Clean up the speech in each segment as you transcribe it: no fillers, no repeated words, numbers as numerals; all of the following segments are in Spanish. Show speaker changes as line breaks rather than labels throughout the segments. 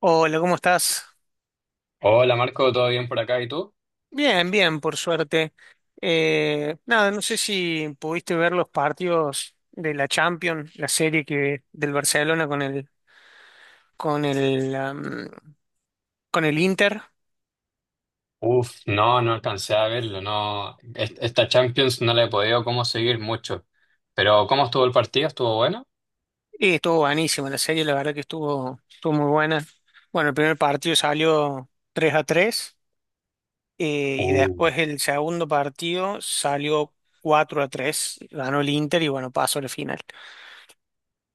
Hola, ¿cómo estás?
Hola Marco, ¿todo bien por acá? ¿Y tú?
Bien, bien, por suerte. Nada, no sé si pudiste ver los partidos de la Champions, la serie que del Barcelona con el con el Inter.
Uf, no, no alcancé a verlo, no. Esta Champions no la he podido como seguir mucho. Pero ¿cómo estuvo el partido? ¿Estuvo bueno?
Y estuvo buenísima la serie, la verdad que estuvo muy buena. Bueno, el primer partido salió 3 a 3 y
Uh,
después el segundo partido salió 4 a 3. Ganó el Inter y bueno, pasó a la final.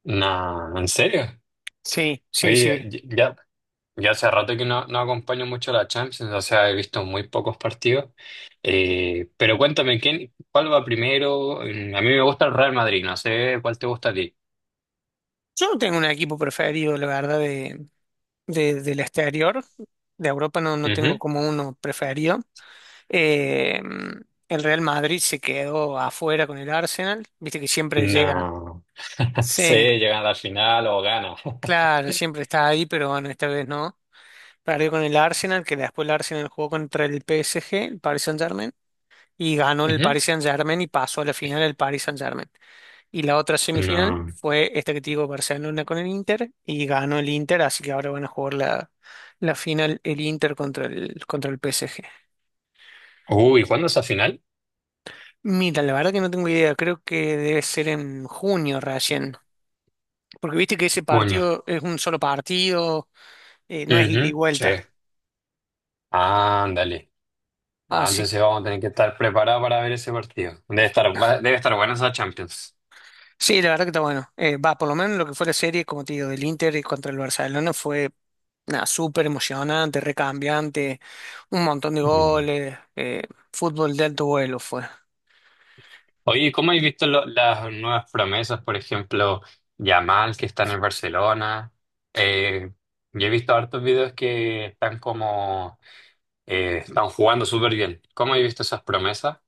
nah, ¿en serio?
Sí, sí, sí.
Oye, ya. Ya hace rato que no, no acompaño mucho a la Champions, o sea, he visto muy pocos partidos. Pero cuéntame, ¿quién, cuál va primero? A mí me gusta el Real Madrid, no sé cuál te gusta a ti.
Yo no tengo un equipo preferido, la verdad, del exterior. De Europa no, no tengo
Ujú.
como uno preferido. Eh, el Real Madrid se quedó afuera con el Arsenal. Viste que siempre llega.
No.
Sí,
Sé llegan a la final o gana.
claro, siempre está ahí, pero bueno, esta vez no. Perdió con el Arsenal, que después el Arsenal jugó contra el PSG, el Paris Saint-Germain, y ganó el
Ujú.
Paris Saint-Germain y pasó a la final el Paris Saint-Germain. Y la otra semifinal
No.
fue esta que te digo, Barcelona con el Inter, y ganó el Inter, así que ahora van a jugar la final el Inter contra el PSG.
Uy, ¿cuándo es la final?
Mira, la verdad que no tengo idea, creo que debe ser en junio recién, porque viste que ese
Bueno.
partido es un solo partido, no es ida y
Ujú. Sí.
vuelta.
Ándale. Ah,
Así
entonces vamos a tener que estar preparados para ver ese partido. Debe estar, debe estar buena esa Champions.
sí, la verdad que está bueno. Va, por lo menos lo que fue la serie, como te digo, del Inter y contra el Barcelona fue nada, súper emocionante, recambiante, un montón de goles, fútbol de alto vuelo fue.
Oye, ¿cómo has visto las nuevas promesas? Por ejemplo, Yamal, que está en el Barcelona. Eh, yo he visto hartos videos que están como... están jugando súper bien. ¿Cómo has visto esas promesas?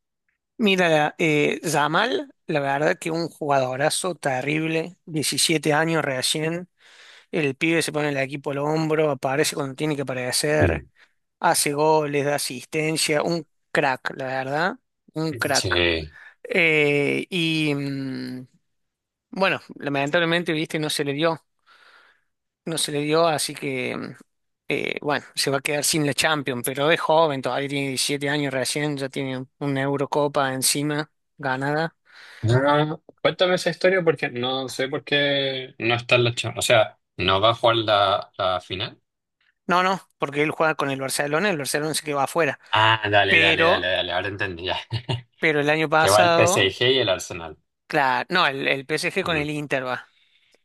Mira, Yamal, la verdad que un jugadorazo terrible, 17 años recién, el pibe se pone el equipo al hombro, aparece cuando tiene que
Mm.
aparecer, hace goles, da asistencia, un crack, la verdad, un crack.
Sí.
Eh, y... mm, Bueno, lamentablemente, viste, no se le dio, no se le dio, así que, bueno, se va a quedar sin la Champions, pero es joven, todavía tiene 17 años recién, ya tiene una Eurocopa encima ganada.
Ah, cuéntame esa historia porque no sé por qué no está en la Champions. O sea, ¿no va a jugar la, la final?
No, no, porque él juega con el Barcelona se quedó afuera,
Ah, dale, dale, dale,
pero,
dale. Ahora entendí ya.
pero el año
Que va el
pasado,
PSG y el Arsenal.
claro, no, el PSG con el
Mm.
Inter va,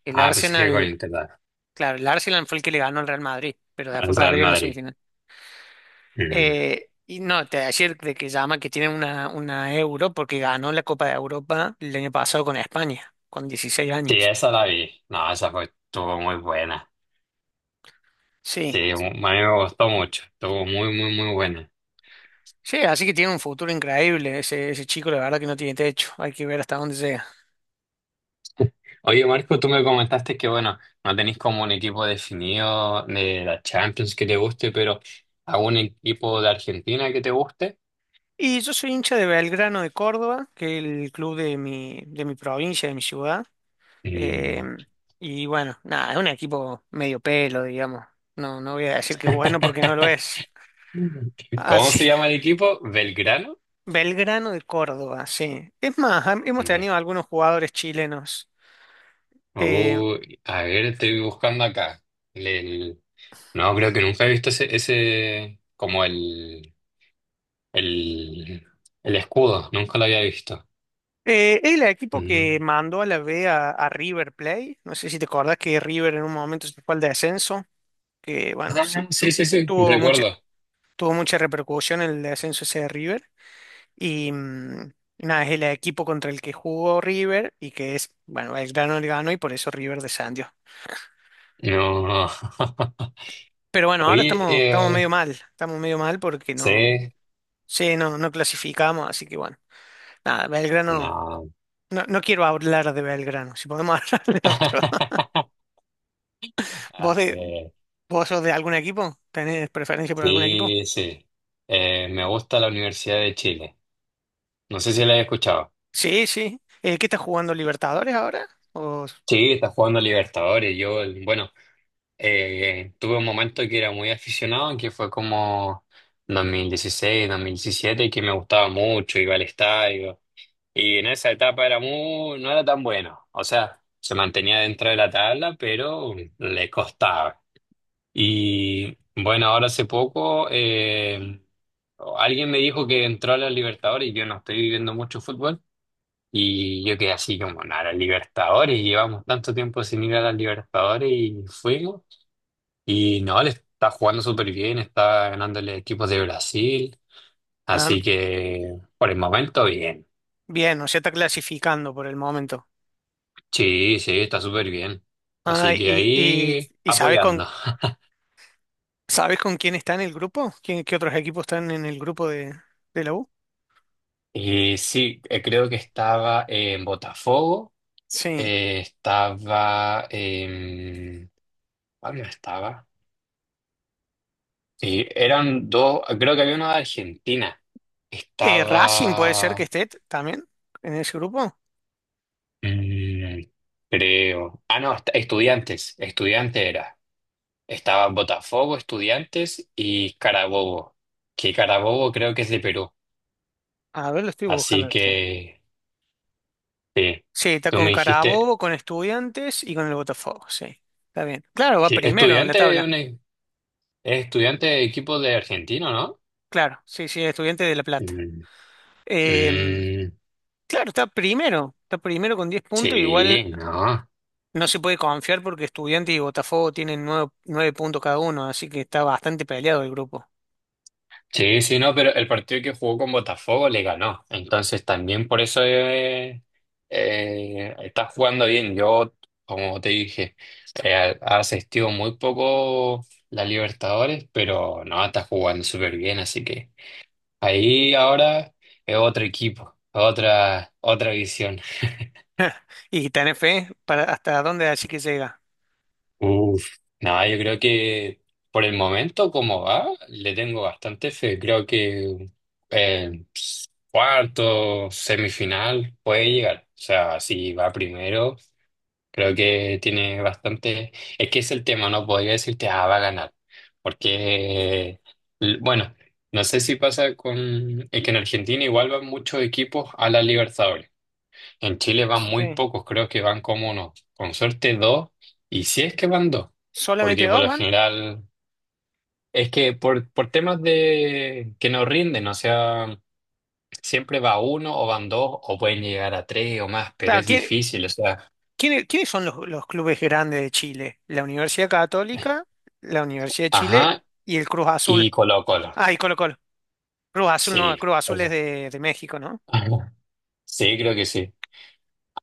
el
Ah, PSG con
Arsenal,
Inter, dale.
claro, el Arsenal fue el que le ganó al Real Madrid, pero
Al
después
Real
perdió en la
Madrid.
semifinal. Y no, te ayer de que llama que tiene una euro porque ganó la Copa de Europa el año pasado con España, con 16
Sí,
años.
esa la vi. No, esa fue, estuvo muy buena.
Sí,
Sí, mu- a mí me gustó mucho. Estuvo muy, muy, muy buena.
sí, así que tiene un futuro increíble ese, ese chico, la verdad que no tiene techo, hay que ver hasta dónde llega.
Oye, Marco, tú me comentaste que, bueno, no tenéis como un equipo definido de la Champions que te guste, pero algún equipo de Argentina que te guste.
Y yo soy hincha de Belgrano de Córdoba, que es el club de mi provincia, de mi ciudad. Eh,
Mm.
y bueno, nada, es un equipo medio pelo, digamos. No, no voy a decir que bueno porque no lo es.
¿Cómo
Así
se llama el equipo? ¿Belgrano?
Belgrano de Córdoba, sí. Es más, hemos
De-
tenido algunos jugadores chilenos. Eh,
Uy, a ver, estoy buscando acá. El- el- No, creo que nunca he visto ese, ese como el... El, el escudo, nunca lo había visto.
el equipo que
Mm.
mandó a la B a River Plate, no sé si te acordás que River en un momento se fue al descenso, que bueno, sí,
Ah, sí, sí, sí,
tuvo mucha,
recuerdo.
tuvo mucha repercusión el descenso ese de River. Y nada, es el equipo contra el que jugó River y que es, bueno, Belgrano le ganó y por eso River descendió.
No.
Pero bueno, ahora
Oye,
estamos, estamos medio mal porque no,
sí,
sí, no, no clasificamos, así que bueno. Ah, Belgrano.
no.
No, no quiero hablar de Belgrano. Si podemos hablar de otro. ¿Vos,
Ah,
de, vos sos de algún equipo? ¿Tenés preferencia por algún equipo?
sí, sí. Me gusta la Universidad de Chile. No sé si la he escuchado.
Sí, sí. ¿Qué está jugando Libertadores ahora? ¿O-
Sí, está jugando Libertadores. Yo, bueno, tuve un momento que era muy aficionado, que fue como 2016, 2017, que me gustaba mucho, iba al estadio. Y en esa etapa era muy, no era tan bueno. O sea, se mantenía dentro de la tabla, pero le costaba. Y bueno, ahora hace poco alguien me dijo que entró a los Libertadores y yo no estoy viviendo mucho fútbol. Y yo quedé así como, nada, los Libertadores, llevamos tanto tiempo sin ir a las Libertadores y fuimos. Y no, le está jugando súper bien, está ganándole equipos de Brasil.
ah,
Así que por el momento, bien.
bien, o sea, está clasificando por el momento.
Sí, sí, está súper bien.
Ah,
Así que
y, y,
ahí
y ¿sabes
apoyando.
sabes con quién está en el grupo? ¿Quién, qué otros equipos están en el grupo de la U?
Y sí, creo que estaba en Botafogo,
Sí.
estaba en... ¿Cuál más estaba? Sí, eran dos, creo que había uno de Argentina.
Racing puede ser que
Estaba...
esté también en ese grupo.
mm, creo. Ah, no, estudiantes, estudiante era. Estaba Botafogo, estudiantes y Carabobo, que Carabobo creo que es de Perú.
A ver, lo estoy
Así
buscando, che.
que... Sí,
Sí, está
tú
con
me dijiste,
Carabobo, con Estudiantes y con el Botafogo, sí. Está bien. Claro, va
sí,
primero en la
estudiante,
tabla.
es estudiante de equipo de argentino, ¿no?
Claro, sí, sí, Estudiantes de La Plata.
Mm,
Em,
mm,
claro, está primero. Está primero con 10 puntos. Igual
sí, no.
no se puede confiar porque Estudiantes y Botafogo tienen nueve puntos cada uno, así que está bastante peleado el grupo.
Sí, sí, no, pero el partido que jugó con Botafogo le ganó. Entonces también por eso está jugando bien. Yo, como te dije, ha asistido muy poco la Libertadores, pero no, está jugando súper bien. Así que ahí ahora es otro equipo, otra, otra visión.
¿Y tenés fe para hasta dónde así que llega?
Uf, no, yo creo que por el momento como va, le tengo bastante fe. Creo que eh, cuarto, semifinal puede llegar. O sea, si va primero, creo que tiene bastante... Es que es el tema, no podría decirte, ah, va a ganar. Porque, bueno, no sé si pasa con... Es que en Argentina igual van muchos equipos a la Libertadores. En Chile van muy
Sí.
pocos, creo que van como uno, con suerte dos, y si es que van dos,
¿Solamente
porque por
dos
lo
van?
general es que por temas de que no rinden, o sea, siempre va uno o van dos o pueden llegar a tres o más, pero
Claro,
es
¿quién-
difícil, o sea,
quién- quiénes son los clubes grandes de Chile? La Universidad Católica, la Universidad de Chile
ajá,
y el Cruz Azul.
y Colo Colo,
Ah, y Colo Colo. Cruz Azul no,
sí,
Cruz Azul es
eso.
de México, ¿no?
Ajá. Sí, creo que sí.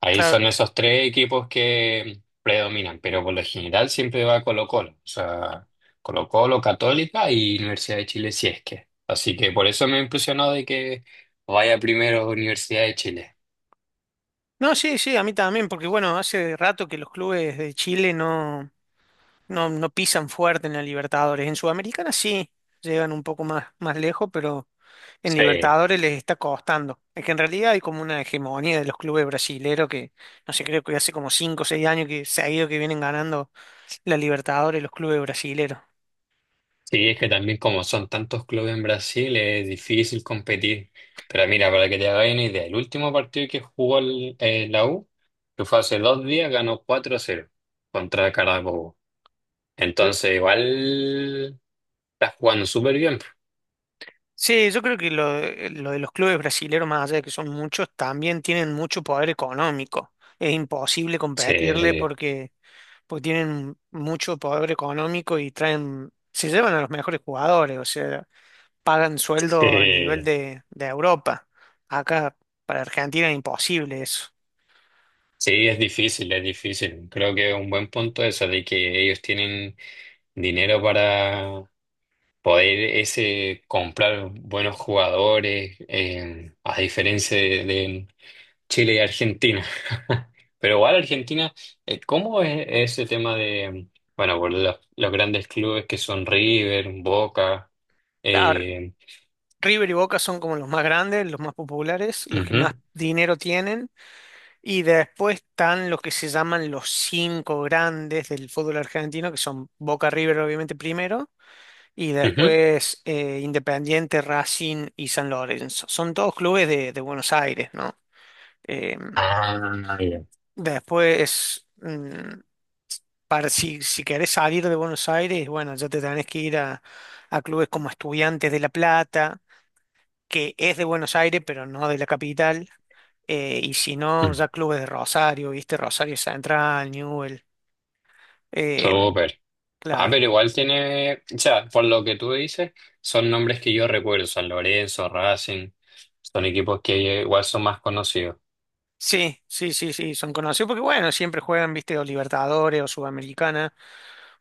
Ahí
Claro.
son esos tres equipos que predominan, pero por lo general siempre va Colo-Colo, o sea, Colo-Colo, Católica y Universidad de Chile si es que. Así que por eso me impresionó de que vaya primero Universidad de Chile.
No, sí, sí, a mí también, porque bueno, hace rato que los clubes de Chile no pisan fuerte en la Libertadores. En Sudamericana sí, llegan un poco más, más lejos, pero en
Sí,
Libertadores les está costando. Es que en realidad hay como una hegemonía de los clubes brasileros que, no sé, creo que hace como 5 o 6 años que se ha ido que vienen ganando la Libertadores los clubes brasileros.
sí, es que también como son tantos clubes en Brasil es difícil competir. Pero mira, para que te hagas una idea, el último partido que jugó la U, que fue hace dos días, ganó cuatro a cero contra Carabobo. Entonces, igual estás jugando súper bien.
Sí, yo creo que lo de los clubes brasileros, más allá de que son muchos, también tienen mucho poder económico. Es imposible competirle
Sí,
porque, porque tienen mucho poder económico y traen, se llevan a los mejores jugadores, o sea, pagan sueldo a nivel
sí,
de Europa. Acá para Argentina es imposible eso.
sí, es difícil, es difícil. Creo que es un buen punto eso de que ellos tienen dinero para poder ese comprar buenos jugadores, a diferencia de Chile y Argentina. Pero igual Argentina, ¿cómo es ese tema de, bueno, por los grandes clubes que son River, Boca?
Ah,
Eh,
River y Boca son como los más grandes, los más populares, los que más
ujú,
dinero tienen. Y después están los que se llaman los cinco grandes del fútbol argentino, que son Boca River, obviamente, primero, y
ujú.
después Independiente, Racing y San Lorenzo. Son todos clubes de Buenos Aires, ¿no? Eh,
Ah, ya.
después, mm, si, si querés salir de Buenos Aires, bueno, ya te tenés que ir a clubes como Estudiantes de La Plata, que es de Buenos Aires, pero no de la capital. Y si no,
Mm,
ya clubes de Rosario, ¿viste? Rosario Central, Eh,
súper. Ah,
claro.
pero igual tiene, o sea, por lo que tú dices, son nombres que yo recuerdo, San Lorenzo, Racing, son equipos que igual son más conocidos.
Sí, sí, sí, sí, son conocidos porque bueno, siempre juegan, viste, o Libertadores o Sudamericana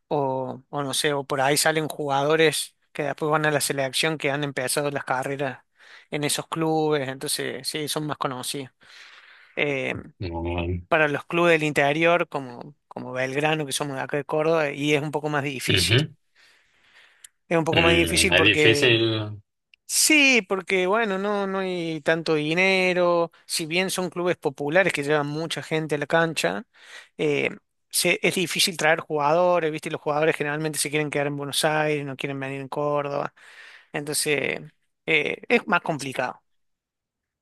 o no sé, o por ahí salen jugadores que después van a la selección que han empezado las carreras en esos clubes, entonces sí, son más conocidos. Eh,
Mm,
para los clubes del interior, como, como Belgrano, que somos de acá de Córdoba, y es un poco más difícil.
ujú.
Es un poco más
Mm,
difícil
es
porque
difícil,
sí, porque bueno, no, no hay tanto dinero, si bien son clubes populares que llevan mucha gente a la cancha, eh, es difícil traer jugadores, ¿viste? Los jugadores generalmente se quieren quedar en Buenos Aires, no quieren venir en Córdoba, entonces es más complicado.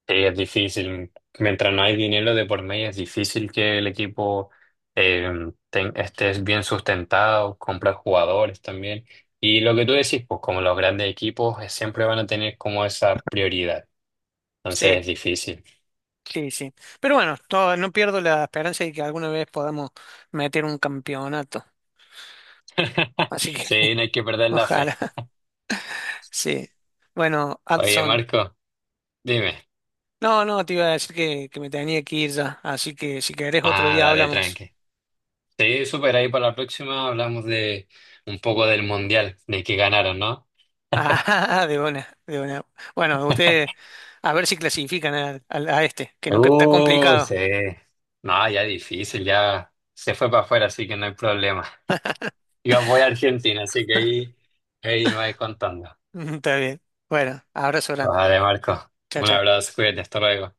sí, es difícil. Mientras no hay dinero de por medio, es difícil que el equipo eh, esté bien sustentado, comprar jugadores también. Y lo que tú decís, pues como los grandes equipos siempre van a tener como esa prioridad. Entonces
Sí,
es difícil.
sí, sí. Pero bueno, no pierdo la esperanza de que alguna vez podamos meter un campeonato, así que
Sí, no hay que perder la fe.
ojalá, sí. Bueno,
Oye,
Adson.
Marco, dime.
No, no, te iba a decir que me tenía que ir ya, así que si querés otro
Ah,
día
dale,
hablamos.
tranqui. Sí, súper, ahí para la próxima hablamos de un poco del mundial, de que ganaron, ¿no?
Ah, de una, de una. Bueno, ustedes a ver si clasifican a que no que está
Uy, sí.
complicado.
No, ya difícil, ya se fue para afuera, así que no hay problema. Yo voy a Argentina, así que ahí, ahí me vais contando.
Está bien. Bueno, abrazo grande.
Vale, Marco,
Chao,
un
chao.
abrazo, cuídate, hasta luego.